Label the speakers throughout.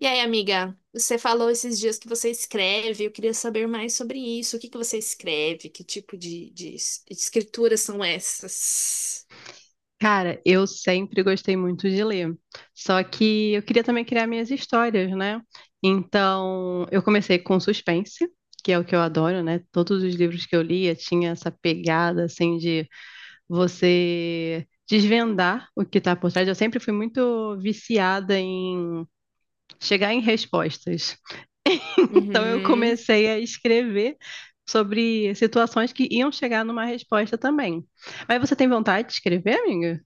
Speaker 1: E aí, amiga, você falou esses dias que você escreve, eu queria saber mais sobre isso. O que que você escreve? Que tipo de escrituras são essas?
Speaker 2: Cara, eu sempre gostei muito de ler. Só que eu queria também criar minhas histórias, né? Então, eu comecei com suspense, que é o que eu adoro, né? Todos os livros que eu lia tinha essa pegada assim de você desvendar o que está por trás. Eu sempre fui muito viciada em chegar em respostas. Então, eu
Speaker 1: Uhum.
Speaker 2: comecei a escrever sobre situações que iam chegar numa resposta também. Mas você tem vontade de escrever, amiga?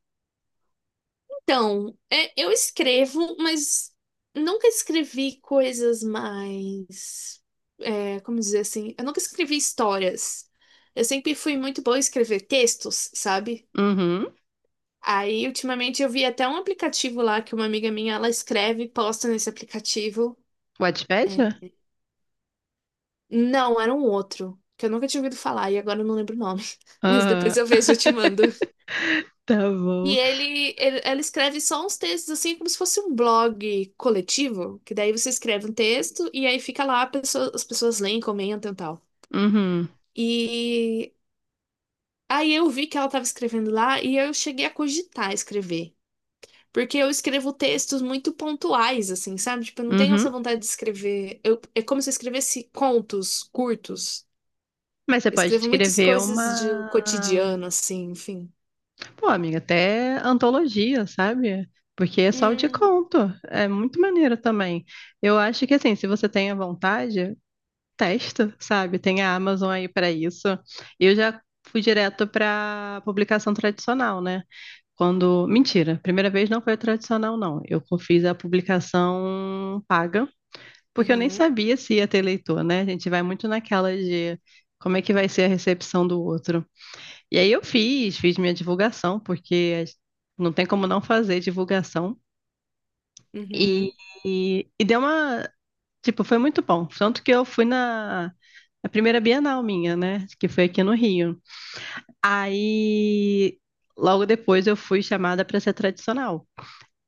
Speaker 1: Então, eu escrevo, mas nunca escrevi coisas mais. Como dizer assim? Eu nunca escrevi histórias. Eu sempre fui muito boa em escrever textos, sabe?
Speaker 2: Uhum.
Speaker 1: Aí, ultimamente, eu vi até um aplicativo lá que uma amiga minha ela escreve e posta nesse aplicativo.
Speaker 2: Wattpad?
Speaker 1: Não, era um outro, que eu nunca tinha ouvido falar e agora eu não lembro o nome. Mas depois
Speaker 2: Aham.
Speaker 1: eu vejo e eu te mando.
Speaker 2: Tá
Speaker 1: E
Speaker 2: bom.
Speaker 1: ela escreve só uns textos, assim, como se fosse um blog coletivo, que daí você escreve um texto e aí fica lá, as pessoas leem, comentam e tal.
Speaker 2: Uhum.
Speaker 1: E aí eu vi que ela estava escrevendo lá e eu cheguei a cogitar escrever. Porque eu escrevo textos muito pontuais, assim, sabe? Tipo, eu não tenho essa
Speaker 2: Uhum.
Speaker 1: vontade de escrever. É como se eu escrevesse contos curtos.
Speaker 2: Mas você
Speaker 1: Eu
Speaker 2: pode
Speaker 1: escrevo muitas
Speaker 2: escrever
Speaker 1: coisas de
Speaker 2: uma.
Speaker 1: cotidiano, assim, enfim.
Speaker 2: Pô, amiga, até antologia, sabe? Porque é só o de
Speaker 1: Hum,
Speaker 2: conto. É muito maneiro também. Eu acho que, assim, se você tem a vontade, testa, sabe? Tem a Amazon aí para isso. Eu já fui direto para publicação tradicional, né? Quando. Mentira, primeira vez não foi a tradicional, não. Eu fiz a publicação paga. Porque eu nem
Speaker 1: uhum,
Speaker 2: sabia se ia ter eleitor, né? A gente vai muito naquela de como é que vai ser a recepção do outro. E aí eu fiz, minha divulgação, porque não tem como não fazer divulgação. E,
Speaker 1: uhum,
Speaker 2: e deu uma. Tipo, foi muito bom. Tanto que eu fui na primeira Bienal minha, né? Que foi aqui no Rio. Aí, logo depois, eu fui chamada para ser tradicional.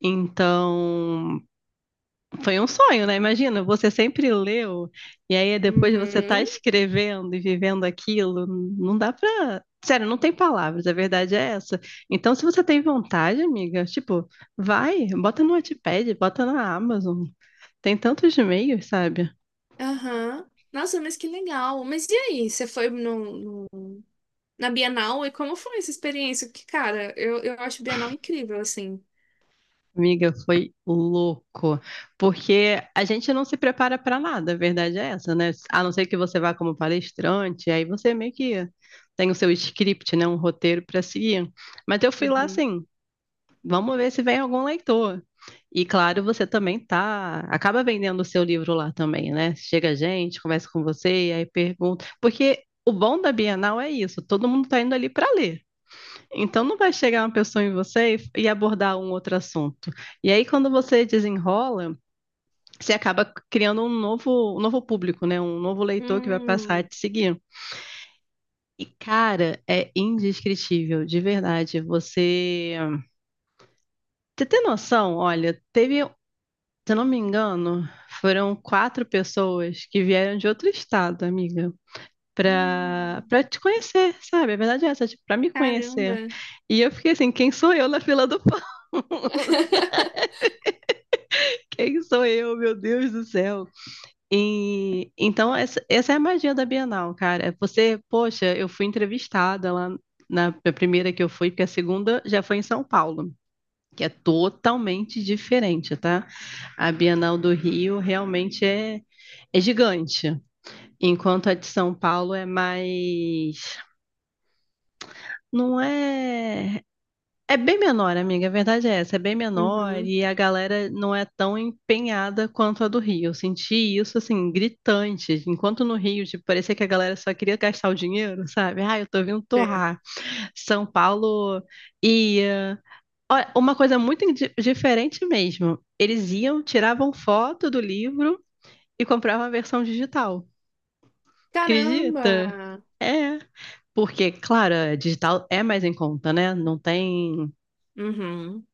Speaker 2: Então, foi um sonho, né? Imagina, você sempre leu, e aí depois você tá
Speaker 1: uhum,
Speaker 2: escrevendo e vivendo aquilo, não dá pra. Sério, não tem palavras, a verdade é essa. Então, se você tem vontade, amiga, tipo, vai, bota no Wattpad, bota na Amazon. Tem tantos meios, sabe?
Speaker 1: aham. Nossa, mas que legal. Mas e aí, você foi na Bienal e como foi essa experiência? Porque, cara, eu acho Bienal incrível, assim.
Speaker 2: Amiga, foi louco, porque a gente não se prepara pra nada, a verdade é essa, né? A não ser que você vá como palestrante, aí você meio que tem o seu script, né, um roteiro pra seguir. Mas eu fui lá
Speaker 1: Uhum.
Speaker 2: assim, vamos ver se vem algum leitor. E claro, você também tá, acaba vendendo o seu livro lá também, né? Chega gente, conversa com você e aí pergunta, porque o bom da Bienal é isso, todo mundo está indo ali para ler. Então não vai chegar uma pessoa em você e abordar um outro assunto. E aí quando você desenrola, você acaba criando um novo, público, né? Um novo leitor que vai passar a
Speaker 1: Hum.
Speaker 2: te seguir. E, cara, é indescritível, de verdade. Você tem noção? Olha, teve se eu não me engano, foram quatro pessoas que vieram de outro estado, amiga, pra,
Speaker 1: Hum.
Speaker 2: pra te conhecer, sabe? A verdade é essa, tipo, pra me
Speaker 1: Caramba.
Speaker 2: conhecer. E eu fiquei assim, quem sou eu na fila do pão? Quem sou eu, meu Deus do céu? E, então, essa, é a magia da Bienal, cara. É você, poxa, eu fui entrevistada lá na primeira que eu fui, porque a segunda já foi em São Paulo, que é totalmente diferente, tá? A Bienal do Rio realmente é, é gigante, enquanto a de São Paulo é mais. Não é. É bem menor, amiga, a verdade é essa, é bem menor
Speaker 1: Uhum.
Speaker 2: e a galera não é tão empenhada quanto a do Rio. Eu senti isso, assim, gritante. Enquanto no Rio, tipo, parecia que a galera só queria gastar o dinheiro, sabe? Ah, eu tô vindo
Speaker 1: Sei.
Speaker 2: torrar. São Paulo ia, ó, uma coisa muito diferente mesmo. Eles iam, tiravam foto do livro e compravam a versão digital.
Speaker 1: Caramba!
Speaker 2: Acredita? É. Porque, claro, a digital é mais em conta, né? Não tem
Speaker 1: Uhum.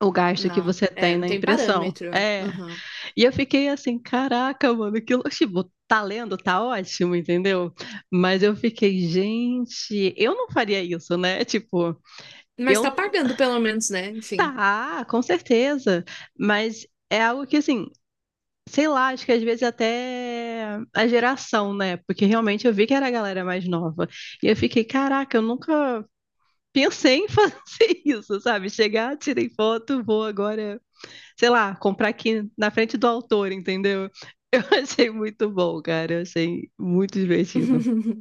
Speaker 2: o gasto que
Speaker 1: Não.
Speaker 2: você
Speaker 1: É,
Speaker 2: tem
Speaker 1: não
Speaker 2: na
Speaker 1: tem
Speaker 2: impressão.
Speaker 1: parâmetro.
Speaker 2: É.
Speaker 1: Uhum.
Speaker 2: E eu fiquei assim, caraca, mano, que tipo, tá lendo, tá ótimo, entendeu? Mas eu fiquei, gente, eu não faria isso, né? Tipo,
Speaker 1: Mas
Speaker 2: eu
Speaker 1: tá pagando pelo menos, né? Enfim.
Speaker 2: tá, com certeza, mas é algo que assim, sei lá, acho que às vezes até a geração, né? Porque realmente eu vi que era a galera mais nova. E eu fiquei, caraca, eu nunca pensei em fazer isso, sabe? Chegar, tirei foto, vou agora, sei lá, comprar aqui na frente do autor, entendeu? Eu achei muito bom, cara. Eu achei muito divertido.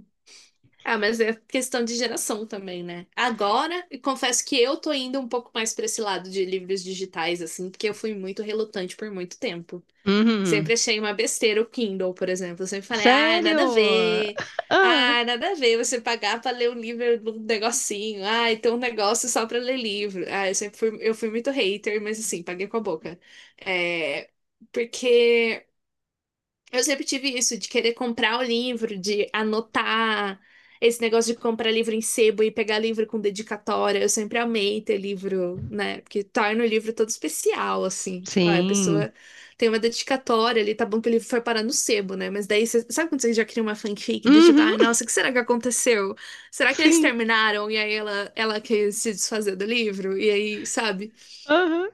Speaker 1: Ah, mas é questão de geração também, né? Agora, eu confesso que eu tô indo um pouco mais pra esse lado de livros digitais, assim, porque eu fui muito relutante por muito tempo.
Speaker 2: Uhum.
Speaker 1: Sempre achei uma besteira o Kindle, por exemplo. Eu sempre falei, ah, nada a
Speaker 2: Sério?
Speaker 1: ver.
Speaker 2: Ah,
Speaker 1: Ah, nada a ver você pagar pra ler um livro num negocinho. Ah, então um negócio só pra ler livro. Ah, eu sempre fui, eu fui muito hater, mas assim, paguei com a boca. É, porque eu sempre tive isso de querer comprar o livro, de anotar esse negócio de comprar livro em sebo e pegar livro com dedicatória. Eu sempre amei ter livro, né? Porque torna o livro todo especial, assim. Tipo, ah, a
Speaker 2: sim.
Speaker 1: pessoa tem uma dedicatória ali, tá bom que o livro foi parar no sebo, né? Mas daí, você sabe quando você já cria uma fanfic do tipo,
Speaker 2: Uhum,
Speaker 1: ai, nossa, o que será que aconteceu? Será que eles
Speaker 2: sim.
Speaker 1: terminaram e aí ela quis se desfazer do livro? E aí, sabe?
Speaker 2: Aham.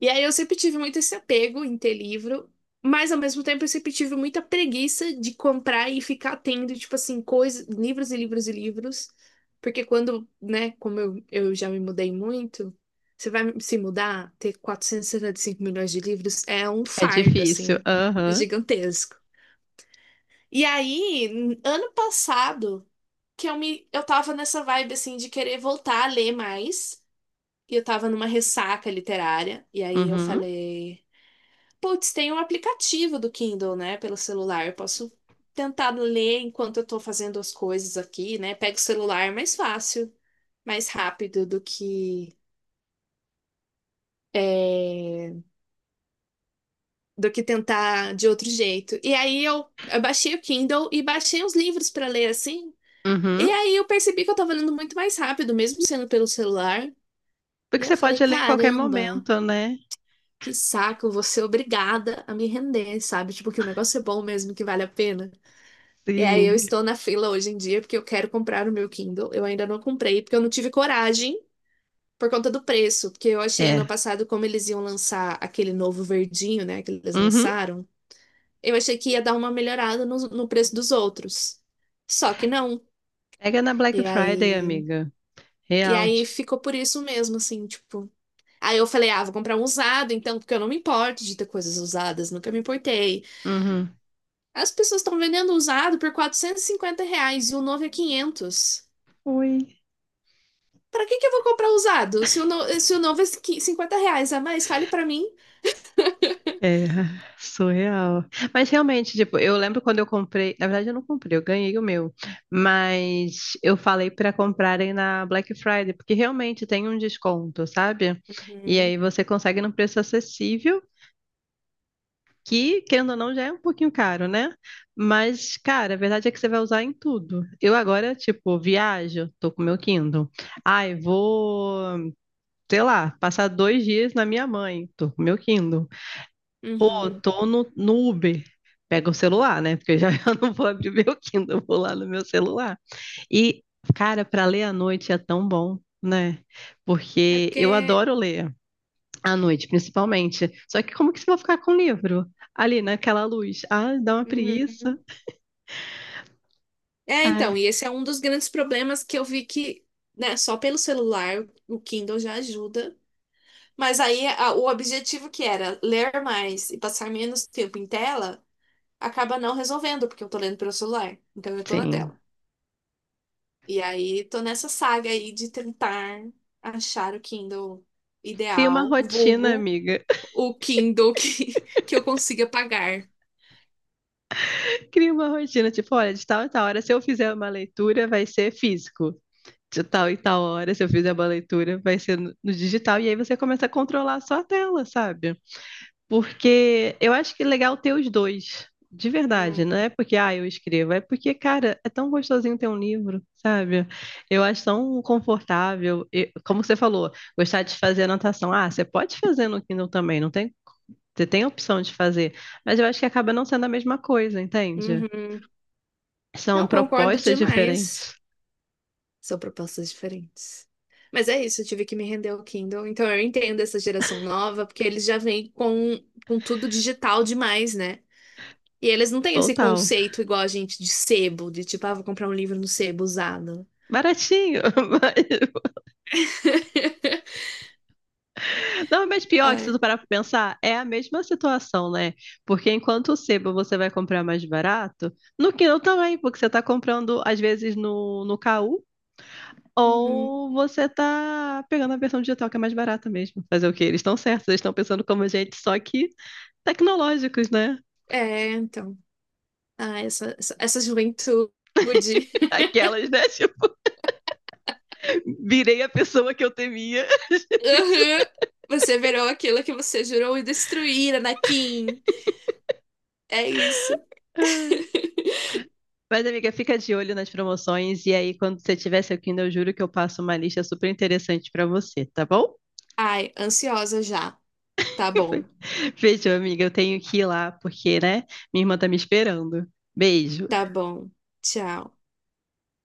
Speaker 1: E aí eu sempre tive muito esse apego em ter livro, mas ao mesmo tempo eu sempre tive muita preguiça de comprar e ficar tendo, tipo assim, coisas, livros e livros e livros. Porque quando, né, como eu já me mudei muito, você vai se mudar, ter 475 milhões de livros é um
Speaker 2: É
Speaker 1: fardo,
Speaker 2: difícil.
Speaker 1: assim,
Speaker 2: Aham.
Speaker 1: gigantesco. E aí, ano passado, que eu tava nessa vibe, assim, de querer voltar a ler mais, e eu tava numa ressaca literária, e aí eu
Speaker 2: Uhum.
Speaker 1: falei. Putz, tem um aplicativo do Kindle, né, pelo celular. Eu posso tentar ler enquanto eu tô fazendo as coisas aqui, né? Pego o celular, é mais fácil, mais rápido é, do que tentar de outro jeito. E aí eu baixei o Kindle e baixei uns livros pra ler assim. E
Speaker 2: Uhum.
Speaker 1: aí eu percebi que eu tava lendo muito mais rápido, mesmo sendo pelo celular. E
Speaker 2: Porque
Speaker 1: eu
Speaker 2: você
Speaker 1: falei,
Speaker 2: pode ler em qualquer
Speaker 1: caramba,
Speaker 2: momento, né?
Speaker 1: que saco, vou ser obrigada a me render, sabe? Tipo, que o negócio é bom mesmo, que vale a pena. E aí eu
Speaker 2: Sim.
Speaker 1: estou na fila hoje em dia porque eu quero comprar o meu Kindle. Eu ainda não comprei porque eu não tive coragem por conta do preço, porque eu achei ano
Speaker 2: É.
Speaker 1: passado como eles iam lançar aquele novo verdinho, né, que eles
Speaker 2: Uhum.
Speaker 1: lançaram. Eu achei que ia dar uma melhorada no preço dos outros. Só que não.
Speaker 2: Pega na Black
Speaker 1: E
Speaker 2: Friday,
Speaker 1: aí,
Speaker 2: amiga.
Speaker 1: e
Speaker 2: Real.
Speaker 1: aí ficou por isso mesmo, assim, tipo. Aí eu falei, ah, vou comprar um usado, então, porque eu não me importo de ter coisas usadas, nunca me importei.
Speaker 2: Uhum.
Speaker 1: As pessoas estão vendendo usado por R$ 450 e o novo é 500.
Speaker 2: Ui.
Speaker 1: Pra que que eu vou comprar usado? Se o novo é R$ 50 a mais, fale pra mim.
Speaker 2: É, surreal. Mas realmente, tipo, eu lembro quando eu comprei. Na verdade, eu não comprei, eu ganhei o meu. Mas eu falei para comprarem na Black Friday, porque realmente tem um desconto, sabe? E
Speaker 1: Uhum,
Speaker 2: aí você consegue num preço acessível que, querendo ou não, já é um pouquinho caro, né? Mas, cara, a verdade é que você vai usar em tudo. Eu agora, tipo, viajo, tô com meu Kindle. Ai, vou, sei lá, passar dois dias na minha mãe, tô com meu Kindle. Pô,
Speaker 1: uhum.
Speaker 2: tô no, Uber. Pega o celular, né? Porque eu já eu não vou abrir meu Kindle, eu vou lá no meu celular. E, cara, para ler à noite é tão bom, né?
Speaker 1: É
Speaker 2: Porque
Speaker 1: porque.
Speaker 2: eu adoro ler. À noite, principalmente. Só que como que você vai ficar com o livro? Ali, naquela luz. Ah, dá uma
Speaker 1: Uhum.
Speaker 2: preguiça.
Speaker 1: É,
Speaker 2: Ah,
Speaker 1: então, e esse é um dos grandes problemas que eu vi que, né, só pelo celular o Kindle já ajuda. Mas aí o objetivo que era ler mais e passar menos tempo em tela acaba não resolvendo, porque eu tô lendo pelo celular. Então eu tô na
Speaker 2: sim.
Speaker 1: tela. E aí tô nessa saga aí de tentar achar o Kindle
Speaker 2: Cria uma
Speaker 1: ideal,
Speaker 2: rotina,
Speaker 1: vulgo,
Speaker 2: amiga.
Speaker 1: o Kindle que, que eu consiga pagar.
Speaker 2: Cria uma rotina. Tipo, olha, de tal e tal hora, se eu fizer uma leitura, vai ser físico. De tal e tal hora, se eu fizer uma leitura, vai ser no digital. E aí você começa a controlar a sua tela, sabe? Porque eu acho que é legal ter os dois, de verdade,
Speaker 1: Hum.
Speaker 2: não é porque ah, eu escrevo, é porque, cara, é tão gostosinho ter um livro, sabe? Eu acho tão confortável. E, como você falou, gostar de fazer anotação. Ah, você pode fazer no Kindle também, não tem? Você tem a opção de fazer, mas eu acho que acaba não sendo a mesma coisa, entende?
Speaker 1: Uhum.
Speaker 2: São
Speaker 1: Não concordo
Speaker 2: propostas
Speaker 1: demais.
Speaker 2: diferentes.
Speaker 1: São propostas diferentes. Mas é isso, eu tive que me render ao Kindle. Então eu entendo essa geração nova, porque eles já vêm com, tudo digital demais, né? E eles não têm esse
Speaker 2: Total.
Speaker 1: conceito igual a gente de sebo, de tipo, ah, vou comprar um livro no sebo usado.
Speaker 2: Baratinho, mas não, mas pior que se tu
Speaker 1: Ai.
Speaker 2: parar pra pensar, é a mesma situação, né? Porque enquanto o sebo você vai comprar mais barato, no Kindle também, porque você tá comprando, às vezes, no, KU,
Speaker 1: Uhum.
Speaker 2: ou você tá pegando a versão digital que é mais barata mesmo. Fazer o quê? Eles estão certos, eles estão pensando como a gente, só que tecnológicos, né?
Speaker 1: É, então. Ah, essa juventude.
Speaker 2: Aquelas, né? Tipo, virei a pessoa que eu temia.
Speaker 1: Aham. Você virou aquilo que você jurou e destruir, Anakin. É isso.
Speaker 2: Mas, amiga, fica de olho nas promoções e aí, quando você tiver seu Kindle, eu juro que eu passo uma lista super interessante pra você, tá bom?
Speaker 1: Ai, ansiosa já. Tá bom,
Speaker 2: Fechou, amiga. Eu tenho que ir lá, porque, né? Minha irmã tá me esperando. Beijo.
Speaker 1: tá bom. Tchau.